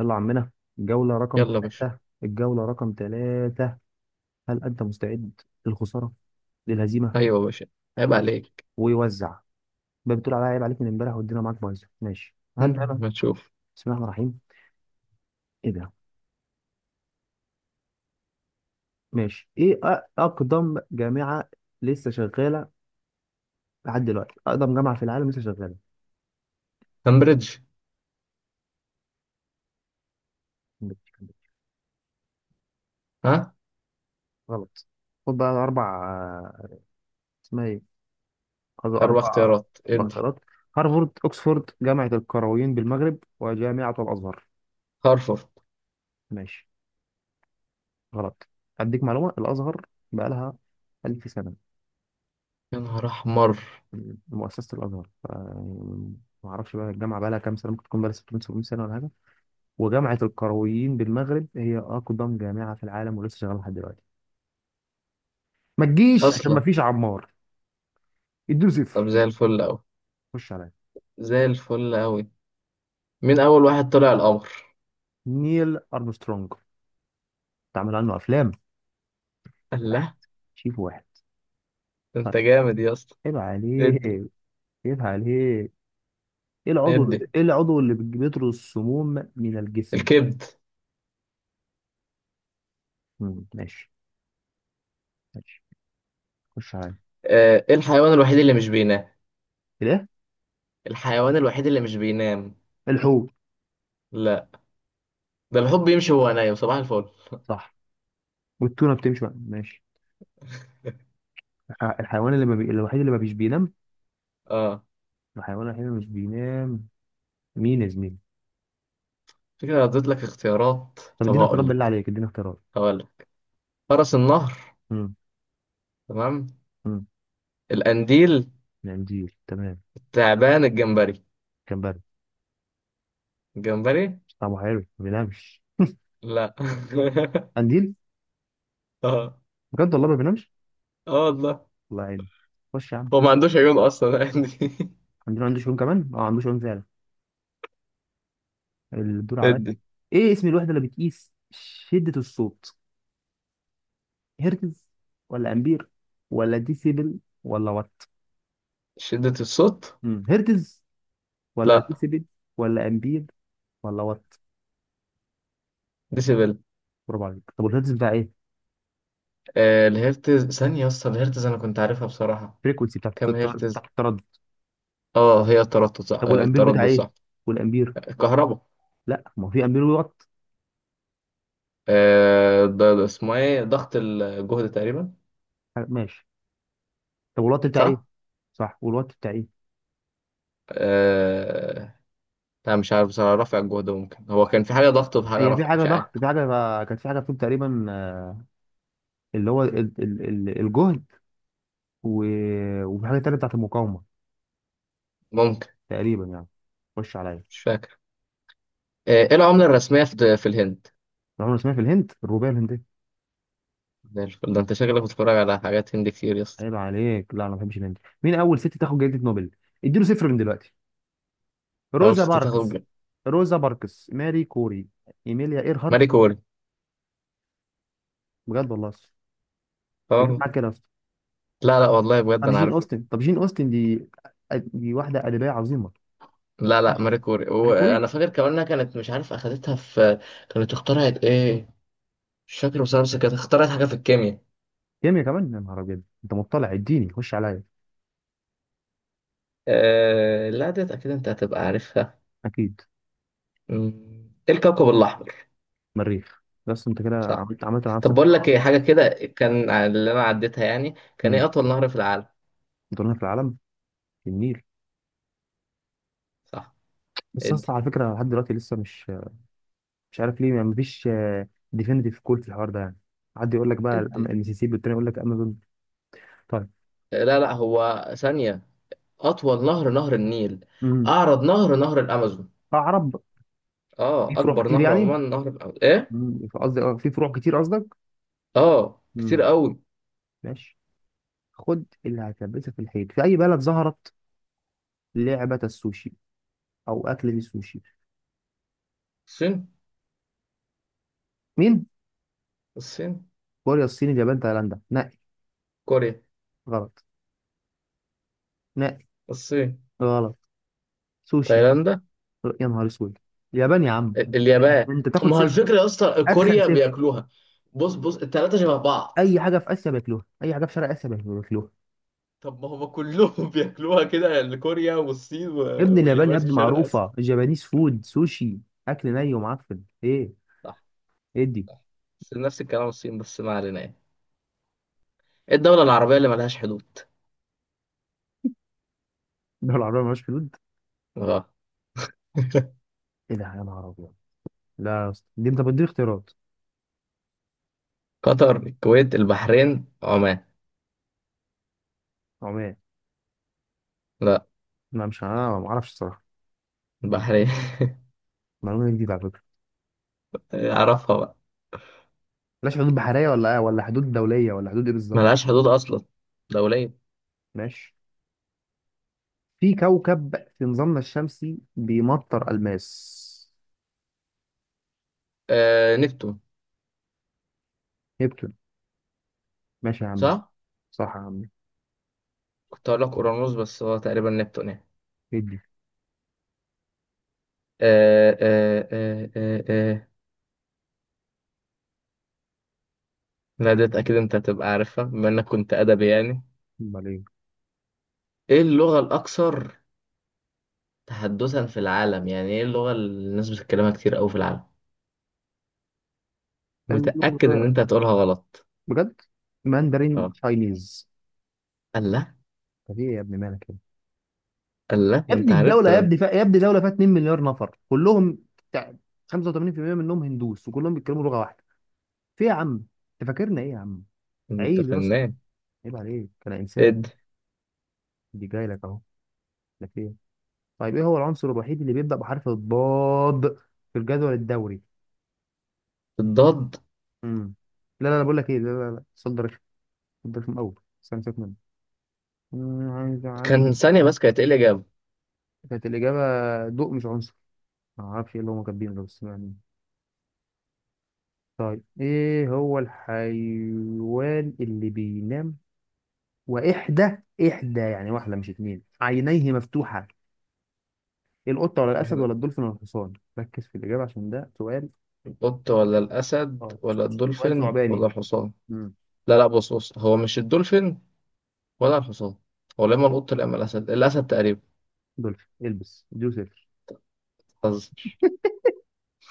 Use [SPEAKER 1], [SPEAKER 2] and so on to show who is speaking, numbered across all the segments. [SPEAKER 1] يلا يا عمنا. الجولة رقم
[SPEAKER 2] يلا يا باشا.
[SPEAKER 1] ثلاثة الجولة رقم ثلاثة هل أنت مستعد للخسارة، للهزيمة؟
[SPEAKER 2] ايوه يا باشا. عيب عليك.
[SPEAKER 1] ويوزع بقى. بتقول عليا عيب عليك من امبارح والدنيا معاك بايظة، ماشي هبدأ أنا.
[SPEAKER 2] ما تشوف.
[SPEAKER 1] بسم الله الرحمن الرحيم. إيه ده؟ ماشي. إيه أقدم جامعة لسه شغالة لحد دلوقتي، أقدم جامعة في العالم لسه شغالة؟
[SPEAKER 2] كامبريدج. ها؟
[SPEAKER 1] غلط. خد بقى أربع، اسمها إيه، خد
[SPEAKER 2] اربع
[SPEAKER 1] أربع
[SPEAKER 2] اختيارات ادي.
[SPEAKER 1] بكرات: هارفارد، أكسفورد، جامعة القرويين بالمغرب، وجامعة الأزهر.
[SPEAKER 2] هارفارد.
[SPEAKER 1] ماشي. غلط. أديك معلومة، الأزهر بقالها ألف سنة.
[SPEAKER 2] يا نهار احمر.
[SPEAKER 1] مؤسسة الأزهر يعني، ما أعرفش بقى الجامعة بقالها كام سنة، ممكن تكون بقالها 600 700 سنة ولا حاجة. وجامعة القرويين بالمغرب هي أقدم جامعة في العالم ولسه شغالة لحد دلوقتي. ما تجيش عشان ما
[SPEAKER 2] اصلا.
[SPEAKER 1] فيش عمار. اديله
[SPEAKER 2] طب
[SPEAKER 1] صفر.
[SPEAKER 2] زي الفل اوي.
[SPEAKER 1] خش عليا.
[SPEAKER 2] زي الفل اوي. مين اول واحد طلع القمر؟
[SPEAKER 1] نيل أرمسترونج، اتعمل عنه أفلام. واحد،
[SPEAKER 2] الله.
[SPEAKER 1] شيف واحد.
[SPEAKER 2] ده
[SPEAKER 1] طيب.
[SPEAKER 2] انت جامد يا اسطى.
[SPEAKER 1] عيب عليك.
[SPEAKER 2] ادي.
[SPEAKER 1] عيب عليك. ايه العضو،
[SPEAKER 2] ادي.
[SPEAKER 1] ايه العضو اللي بيطرد السموم من الجسم؟
[SPEAKER 2] الكبد.
[SPEAKER 1] ماشي. ماشي. خش عليا.
[SPEAKER 2] آه، ايه الحيوان الوحيد اللي مش بينام؟
[SPEAKER 1] الايه؟
[SPEAKER 2] الحيوان الوحيد اللي مش بينام؟
[SPEAKER 1] الحوت.
[SPEAKER 2] لا. ده الحب بيمشي وهو نايم. صباح الفل.
[SPEAKER 1] صح، والتونة بتمشي بقى. ماشي. الحيوان اللي ما بي... الوحيد اللي ما بيش بينام،
[SPEAKER 2] اه.
[SPEAKER 1] الحيوان الوحيد اللي مش بينام. مين يا زميلي؟
[SPEAKER 2] فكرة، اديت لك اختيارات؟
[SPEAKER 1] طب
[SPEAKER 2] طب
[SPEAKER 1] اديني
[SPEAKER 2] هقول
[SPEAKER 1] اختيارات، بالله
[SPEAKER 2] لك.
[SPEAKER 1] عليك اديني اختيارات.
[SPEAKER 2] هقول لك. فرس النهر.
[SPEAKER 1] امم.
[SPEAKER 2] تمام.
[SPEAKER 1] امم.
[SPEAKER 2] القنديل.
[SPEAKER 1] القنديل تمام.
[SPEAKER 2] تعبان، الجمبري.
[SPEAKER 1] كمبري؟
[SPEAKER 2] الجمبري.
[SPEAKER 1] طعمه حلو، ما بينامش.
[SPEAKER 2] لا.
[SPEAKER 1] قنديل؟
[SPEAKER 2] اه.
[SPEAKER 1] بجد والله ما بينامش.
[SPEAKER 2] اه والله.
[SPEAKER 1] الله يعينه. خش يا عم.
[SPEAKER 2] هو ما عندوش عيون اصلا عندي.
[SPEAKER 1] قنديل عنده شؤون كمان، اه عنده شؤون فعلا. الدور عليا.
[SPEAKER 2] ادي.
[SPEAKER 1] ايه اسم الوحدة اللي بتقيس شدة الصوت؟ هرتز، ولا امبير، ولا ديسيبل، ولا وات؟
[SPEAKER 2] شدة الصوت.
[SPEAKER 1] مم. هرتز، ولا
[SPEAKER 2] لا.
[SPEAKER 1] ديسيبل، ولا امبير، والله وات؟
[SPEAKER 2] ديسيبل.
[SPEAKER 1] برافو عليك. طب والهيرتز بتاع ايه؟
[SPEAKER 2] آه، الهرتز ثانية يا اسطى. الهرتز انا كنت عارفها بصراحة.
[SPEAKER 1] الفريكونسي، بتاع
[SPEAKER 2] كم
[SPEAKER 1] بتاع
[SPEAKER 2] هرتز؟
[SPEAKER 1] التردد.
[SPEAKER 2] اه، هي التردد صح.
[SPEAKER 1] طب
[SPEAKER 2] آه،
[SPEAKER 1] والامبير بتاع
[SPEAKER 2] التردد
[SPEAKER 1] ايه؟
[SPEAKER 2] صح.
[SPEAKER 1] والامبير؟
[SPEAKER 2] الكهرباء.
[SPEAKER 1] لا، ما هو في امبير، وات.
[SPEAKER 2] آه، ده اسمه ايه؟ ضغط الجهد تقريبا.
[SPEAKER 1] ماشي. طب والوات بتاع ايه؟
[SPEAKER 2] صح.
[SPEAKER 1] صح، والوات بتاع ايه؟
[SPEAKER 2] آه. لا، مش عارف بصراحة. رفع الجهد ممكن. هو كان في حاجة ضغط وفي حاجة
[SPEAKER 1] هي في
[SPEAKER 2] رفع،
[SPEAKER 1] حاجه
[SPEAKER 2] مش عارف.
[SPEAKER 1] ضغط، في حاجه كانت، في حاجه فيهم تقريبا، آه، اللي هو الجهد و... وفي حاجه تانيه بتاعت المقاومه،
[SPEAKER 2] ممكن.
[SPEAKER 1] تقريبا يعني. خش عليا.
[SPEAKER 2] مش فاكر. آه، ايه العملة الرسمية في الهند؟
[SPEAKER 1] رغم اسمها في الهند، الروبيه الهنديه.
[SPEAKER 2] زي الفل. ده انت شكلك بتتفرج على حاجات هندي كتير يا اسطى.
[SPEAKER 1] عيب عليك، لا انا ما بحبش الهند. مين اول ست تاخد جائزه نوبل؟ اديله صفر من دلوقتي.
[SPEAKER 2] اول
[SPEAKER 1] روزا
[SPEAKER 2] ست
[SPEAKER 1] باركس،
[SPEAKER 2] تاخد؟
[SPEAKER 1] روزا باركس، ماري كوري، ايميليا ايرهارت؟
[SPEAKER 2] ماري كوري.
[SPEAKER 1] بجد والله؟ بجد
[SPEAKER 2] طبعا.
[SPEAKER 1] معاك كده؟
[SPEAKER 2] لا، لا، والله بجد
[SPEAKER 1] طب
[SPEAKER 2] انا
[SPEAKER 1] جين
[SPEAKER 2] عارف.
[SPEAKER 1] اوستن، طب جين اوستن دي، دي واحده ادبيه عظيمه.
[SPEAKER 2] لا، لا،
[SPEAKER 1] عشرة
[SPEAKER 2] ماري كوري.
[SPEAKER 1] هنكوري.
[SPEAKER 2] وانا فاكر كمان انها كانت، مش عارف، اخدتها في... كانت اخترعت ايه؟ مش فاكر بصراحة، بس كانت اخترعت حاجة في الكيمياء.
[SPEAKER 1] كيميا كمان؟ يا نهار ابيض، انت مطلع، اديني. خش عليا.
[SPEAKER 2] لا، ديت اكيد انت هتبقى عارفها.
[SPEAKER 1] اكيد.
[SPEAKER 2] ايه الكوكب الاحمر؟
[SPEAKER 1] مريخ. بس انت كده
[SPEAKER 2] صح.
[SPEAKER 1] عملت مع نفسك.
[SPEAKER 2] طب بقول لك ايه. حاجة كده كان اللي انا عديتها يعني. كان ايه
[SPEAKER 1] امم.
[SPEAKER 2] اطول نهر في العالم؟
[SPEAKER 1] دورنا في العالم، في النيل.
[SPEAKER 2] صح.
[SPEAKER 1] بس
[SPEAKER 2] ادي.
[SPEAKER 1] اصلا على فكره، لحد دلوقتي لسه مش، مش عارف ليه ما فيش ديفينيتيف كول في الحوار ده يعني. حد يقول لك بقى
[SPEAKER 2] ادي.
[SPEAKER 1] المسيسيبي، والتاني يقول لك امازون. طيب.
[SPEAKER 2] لا، لا، هو ثانية. أطول نهر نهر النيل.
[SPEAKER 1] امم.
[SPEAKER 2] أعرض نهر نهر الأمازون.
[SPEAKER 1] عرب. في
[SPEAKER 2] أه،
[SPEAKER 1] فروع
[SPEAKER 2] أكبر
[SPEAKER 1] كتير
[SPEAKER 2] نهر
[SPEAKER 1] يعني.
[SPEAKER 2] عموما نهر الأمازون. إيه؟
[SPEAKER 1] قصدي، آه، في فروع كتير قصدك.
[SPEAKER 2] أه، كتير
[SPEAKER 1] امم.
[SPEAKER 2] قوي.
[SPEAKER 1] ماشي. خد اللي هتلبسها في الحيط. في اي بلد ظهرت لعبة السوشي او اكلة السوشي؟
[SPEAKER 2] الصين.
[SPEAKER 1] مين؟
[SPEAKER 2] الصين.
[SPEAKER 1] كوريا، الصين، اليابان، تايلاندا، نقي.
[SPEAKER 2] كوريا.
[SPEAKER 1] غلط. نقي.
[SPEAKER 2] الصين.
[SPEAKER 1] غلط. سوشي.
[SPEAKER 2] تايلاندا.
[SPEAKER 1] يا نهار اسود، اليابان يا عم.
[SPEAKER 2] اليابان.
[SPEAKER 1] انت تاخد
[SPEAKER 2] ما هو
[SPEAKER 1] صفر.
[SPEAKER 2] الفكرة يا اسطى،
[SPEAKER 1] اتخن
[SPEAKER 2] كوريا
[SPEAKER 1] صفر.
[SPEAKER 2] بياكلوها. بص، بص، التلاتة شبه بعض.
[SPEAKER 1] اي حاجه في اسيا بياكلوها، اي حاجه في شرق اسيا بياكلوها.
[SPEAKER 2] طب ما هما كلهم بياكلوها كده يعني، كوريا والصين و...
[SPEAKER 1] يا ابن اليابان يا
[SPEAKER 2] واليابان في
[SPEAKER 1] ابني،
[SPEAKER 2] شرق آسيا.
[SPEAKER 1] معروفه الجابانيز فود سوشي. اكل ني ومعفن، ايه؟
[SPEAKER 2] صح.
[SPEAKER 1] ايه دي؟
[SPEAKER 2] صح. بس نفس الكلام الصين. بس ما علينا يعني. إيه الدولة العربية اللي ملهاش حدود؟
[SPEAKER 1] الدول العربيه مالهاش حدود؟
[SPEAKER 2] أه.
[SPEAKER 1] ايه ده يا نهار ابيض! لا يا اسطى، دي انت بتديني اختيارات.
[SPEAKER 2] قطر، الكويت، البحرين، عمان.
[SPEAKER 1] عمال.
[SPEAKER 2] لا.
[SPEAKER 1] ما مش انا ما اعرفش الصراحه.
[SPEAKER 2] البحرية.
[SPEAKER 1] معلومه جديده على فكره.
[SPEAKER 2] أعرفها بقى.
[SPEAKER 1] بلاش حدود بحريه ولا آه، ولا حدود دوليه ولا حدود ايه بالظبط؟
[SPEAKER 2] ملهاش حدود أصلا. دولية.
[SPEAKER 1] ماشي. في كوكب في نظامنا الشمسي بيمطر الماس.
[SPEAKER 2] آه، نبتون.
[SPEAKER 1] نبتون. ماشي يا عمي.
[SPEAKER 2] صح؟
[SPEAKER 1] صح يا عمي.
[SPEAKER 2] كنت هقول لك أورانوس بس هو تقريبا نبتون يعني.
[SPEAKER 1] ادي.
[SPEAKER 2] آه، آه، آه، آه، آه. لا ديت أكيد أنت هتبقى عارفها بما إنك كنت أدبي يعني.
[SPEAKER 1] امال ايه.
[SPEAKER 2] إيه اللغة الأكثر تحدثا في العالم؟ يعني إيه اللغة اللي الناس بتتكلمها كتير أوي في العالم؟
[SPEAKER 1] كان-
[SPEAKER 2] متأكد إن أنت هتقولها غلط.
[SPEAKER 1] بجد. ماندرين
[SPEAKER 2] أه.
[SPEAKER 1] تشاينيز.
[SPEAKER 2] الله.
[SPEAKER 1] طب ايه يا ابني مالك كده؟
[SPEAKER 2] الله،
[SPEAKER 1] يا
[SPEAKER 2] ده أنت
[SPEAKER 1] ابني
[SPEAKER 2] عرفت.
[SPEAKER 1] الدوله يا
[SPEAKER 2] ده أنت.
[SPEAKER 1] ابني يا ابني دوله فيها 2 مليار نفر كلهم بتاع، 85% منهم هندوس وكلهم بيتكلموا لغه واحده. في إيه يا عم؟ انت فاكرنا ايه يا عم؟
[SPEAKER 2] أنت
[SPEAKER 1] عيب يا اسطى،
[SPEAKER 2] فنان.
[SPEAKER 1] عيب عليك، انا انسان.
[SPEAKER 2] إد.
[SPEAKER 1] دي جاي لك اهو. لك ايه؟ طيب ايه هو العنصر الوحيد اللي بيبدأ بحرف الضاد في الجدول الدوري؟
[SPEAKER 2] الضاد.
[SPEAKER 1] امم. لا لا لا، بقول لك ايه، لا لا لا، صدر رخم، صدر رخم قوي. استنى سيبك منه. عايز.
[SPEAKER 2] كان ثانية بس، كانت إيه الإجابة؟
[SPEAKER 1] كانت الإجابة ضوء، مش عنصر. ما اعرفش ايه اللي هم كاتبينه ده، بس يعني. طيب ايه هو الحيوان اللي بينام وإحدى، إحدى يعني واحدة مش اتنين، عينيه مفتوحة؟ القطة ولا الأسد ولا الدولفين ولا الحصان؟ ركز في الإجابة عشان ده سؤال.
[SPEAKER 2] القط ولا الأسد
[SPEAKER 1] اه،
[SPEAKER 2] ولا
[SPEAKER 1] سؤال
[SPEAKER 2] الدولفين ولا
[SPEAKER 1] ثعباني.
[SPEAKER 2] الحصان؟
[SPEAKER 1] امم.
[SPEAKER 2] لا، لا، بص، بص، هو مش الدولفين. ولا الحصان. هو لا إما القط لا إما الأسد. الأسد تقريبا.
[SPEAKER 1] دولفين، البس اديله صفر.
[SPEAKER 2] حظ.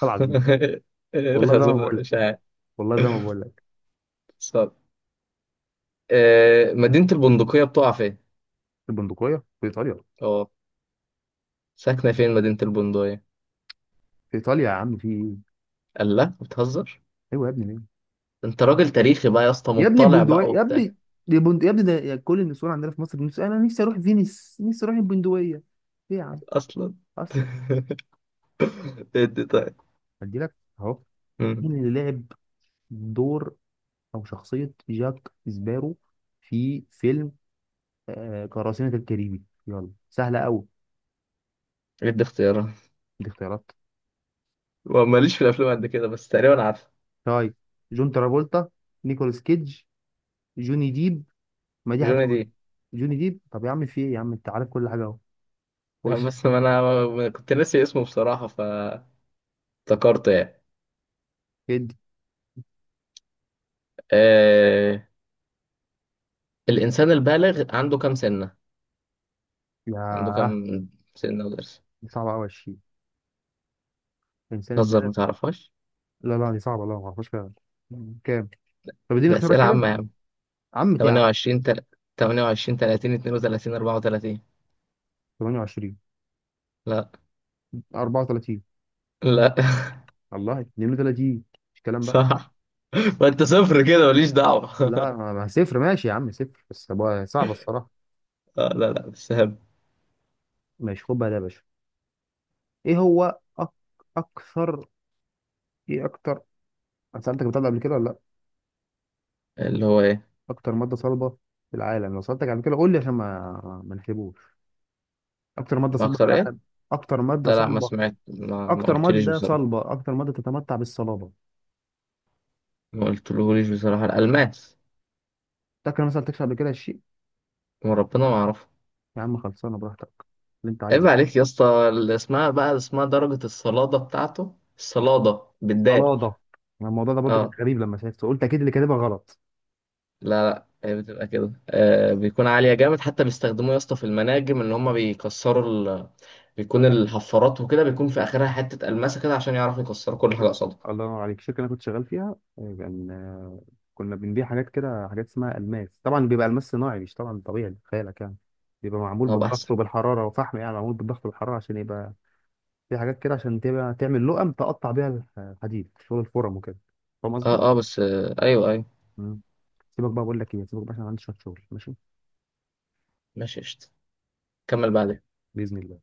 [SPEAKER 1] طلع.
[SPEAKER 2] إيه
[SPEAKER 1] والله زي ما
[SPEAKER 2] الخازوق
[SPEAKER 1] بقول
[SPEAKER 2] ده؟
[SPEAKER 1] لك،
[SPEAKER 2] مش عارف.
[SPEAKER 1] والله زي ما بقول لك.
[SPEAKER 2] صار. آه، مدينة البندقية بتقع فين؟
[SPEAKER 1] البندقية في إيطاليا.
[SPEAKER 2] اه. ساكنة فين مدينة البندقية؟
[SPEAKER 1] في إيطاليا يا عم، في إيه؟
[SPEAKER 2] قال لا، بتهزر.
[SPEAKER 1] أيوة يا ابني، ليه؟
[SPEAKER 2] انت راجل تاريخي بقى يا اسطى،
[SPEAKER 1] يا ابني
[SPEAKER 2] مطلع
[SPEAKER 1] البندقية
[SPEAKER 2] بقى
[SPEAKER 1] يا
[SPEAKER 2] وبتاع.
[SPEAKER 1] ابني، يا ابني ده، يا كل النسوان عندنا في مصر بنسوا، أنا نفسي أروح فينيس، نفسي أروح البندقية. ليه يا عم؟
[SPEAKER 2] اصلا.
[SPEAKER 1] أصلا.
[SPEAKER 2] ادي طيب.
[SPEAKER 1] ادي لك اهو.
[SPEAKER 2] مم.
[SPEAKER 1] مين اللي لعب دور أو شخصية جاك سبارو في فيلم، آه، قراصنة الكاريبي؟ يلا سهلة أوي.
[SPEAKER 2] ادي اختيارات.
[SPEAKER 1] دي اختيارات.
[SPEAKER 2] وماليش في الافلام قد كده بس تقريبا عارف.
[SPEAKER 1] طيب: جون ترافولتا، نيكولاس كيدج، جوني ديب. ما دي هتسوي.
[SPEAKER 2] جوني.
[SPEAKER 1] جوني ديب. طب يا عم، في ايه يا عم انت عارف كل حاجه اهو.
[SPEAKER 2] لا،
[SPEAKER 1] خش.
[SPEAKER 2] بس ما انا ما كنت ناسي اسمه بصراحة فافتكرته. يعني.
[SPEAKER 1] ادي.
[SPEAKER 2] آه... الانسان البالغ عنده كام سنة؟ عنده
[SPEAKER 1] ياه،
[SPEAKER 2] كام سنة وضرس؟
[SPEAKER 1] دي صعبه قوي. 20؟ انسان
[SPEAKER 2] تهزر؟ ما
[SPEAKER 1] البلد.
[SPEAKER 2] تعرفهاش.
[SPEAKER 1] لا لا دي صعبه، لا ما اعرفهاش فعلا. كام؟ طب اديني
[SPEAKER 2] ده
[SPEAKER 1] اختيارات
[SPEAKER 2] اسئلة
[SPEAKER 1] كده.
[SPEAKER 2] عامة يا عم.
[SPEAKER 1] عم يا عم.
[SPEAKER 2] 28 28، 30، 32، 34.
[SPEAKER 1] 28،
[SPEAKER 2] لا.
[SPEAKER 1] 34،
[SPEAKER 2] لا.
[SPEAKER 1] الله 32. مش كلام بقى.
[SPEAKER 2] صح. ما انت صفر كده ماليش دعوة
[SPEAKER 1] لا ما ما صفر ماشي يا عم، صفر بس بقى، صعبه الصراحه.
[SPEAKER 2] آه، لا، لا، بس هم...
[SPEAKER 1] ماشي خد بقى ده يا باشا. ايه هو اكثر، ايه اكتر، انا سالتك بتاع ده قبل كده ولا لا؟
[SPEAKER 2] اللي هو ايه؟
[SPEAKER 1] اكتر ماده صلبه في العالم، لو سالتك قبل كده قول لي عشان ما نحسبوش. اكتر ماده
[SPEAKER 2] ما
[SPEAKER 1] صلبه في
[SPEAKER 2] اكتر ايه؟
[SPEAKER 1] العالم، اكتر ماده
[SPEAKER 2] لا، لا، ما
[SPEAKER 1] صلبه،
[SPEAKER 2] سمعت، ما
[SPEAKER 1] اكتر
[SPEAKER 2] قلتليش
[SPEAKER 1] ماده
[SPEAKER 2] بصراحة.
[SPEAKER 1] صلبه، اكتر ماده تتمتع بالصلابه.
[SPEAKER 2] ما قلتلهوليش بصراحة. الالماس.
[SPEAKER 1] تاكل مثلا، تكشف قبل كده الشيء.
[SPEAKER 2] وربنا ما اعرفه.
[SPEAKER 1] يا عم خلصانه براحتك اللي انت
[SPEAKER 2] عيب
[SPEAKER 1] عايزه.
[SPEAKER 2] عليك يا اسطى، اللي اسمها بقى اسمها درجة الصلادة بتاعته. الصلادة بالدال.
[SPEAKER 1] صلاده. أنا الموضوع ده برضه كان
[SPEAKER 2] اه.
[SPEAKER 1] غريب لما شفته، قلت اكيد اللي كاتبها غلط.
[SPEAKER 2] لا، لا، هي بتبقى كده. آه، بيكون عالية جامد. حتى بيستخدموه يا اسطى في المناجم ان هما بيكسروا ال... بيكون الحفارات وكده، بيكون في اخرها حتة الماسة كده، عشان يعرفوا يكسروا كل حاجة
[SPEAKER 1] كده.
[SPEAKER 2] قصادها.
[SPEAKER 1] الله ينور عليك. الشركه اللي انا كنت شغال فيها، آه، كان، آه، كنا بنبيع حاجات كده، حاجات اسمها الماس طبعا، بيبقى الماس صناعي مش طبعا طبيعي خيالك يعني، بيبقى معمول
[SPEAKER 2] اه، بقى احسن.
[SPEAKER 1] بالضغط وبالحراره وفحم يعني، معمول بالضغط والحراره عشان يبقى في حاجات كده، عشان تبقى تعمل لقم تقطع بيها الحديد شغل الفرم وكده. فاهم
[SPEAKER 2] اه،
[SPEAKER 1] قصدي؟
[SPEAKER 2] اه، بس آه، ايوه، ايوه.
[SPEAKER 1] مم. سيبك بقى، بقول لك ايه سيبك بقى، عشان عندي شويه شغل، ماشي.
[SPEAKER 2] ماشي، قشطة. كمل بعدين.
[SPEAKER 1] باذن الله.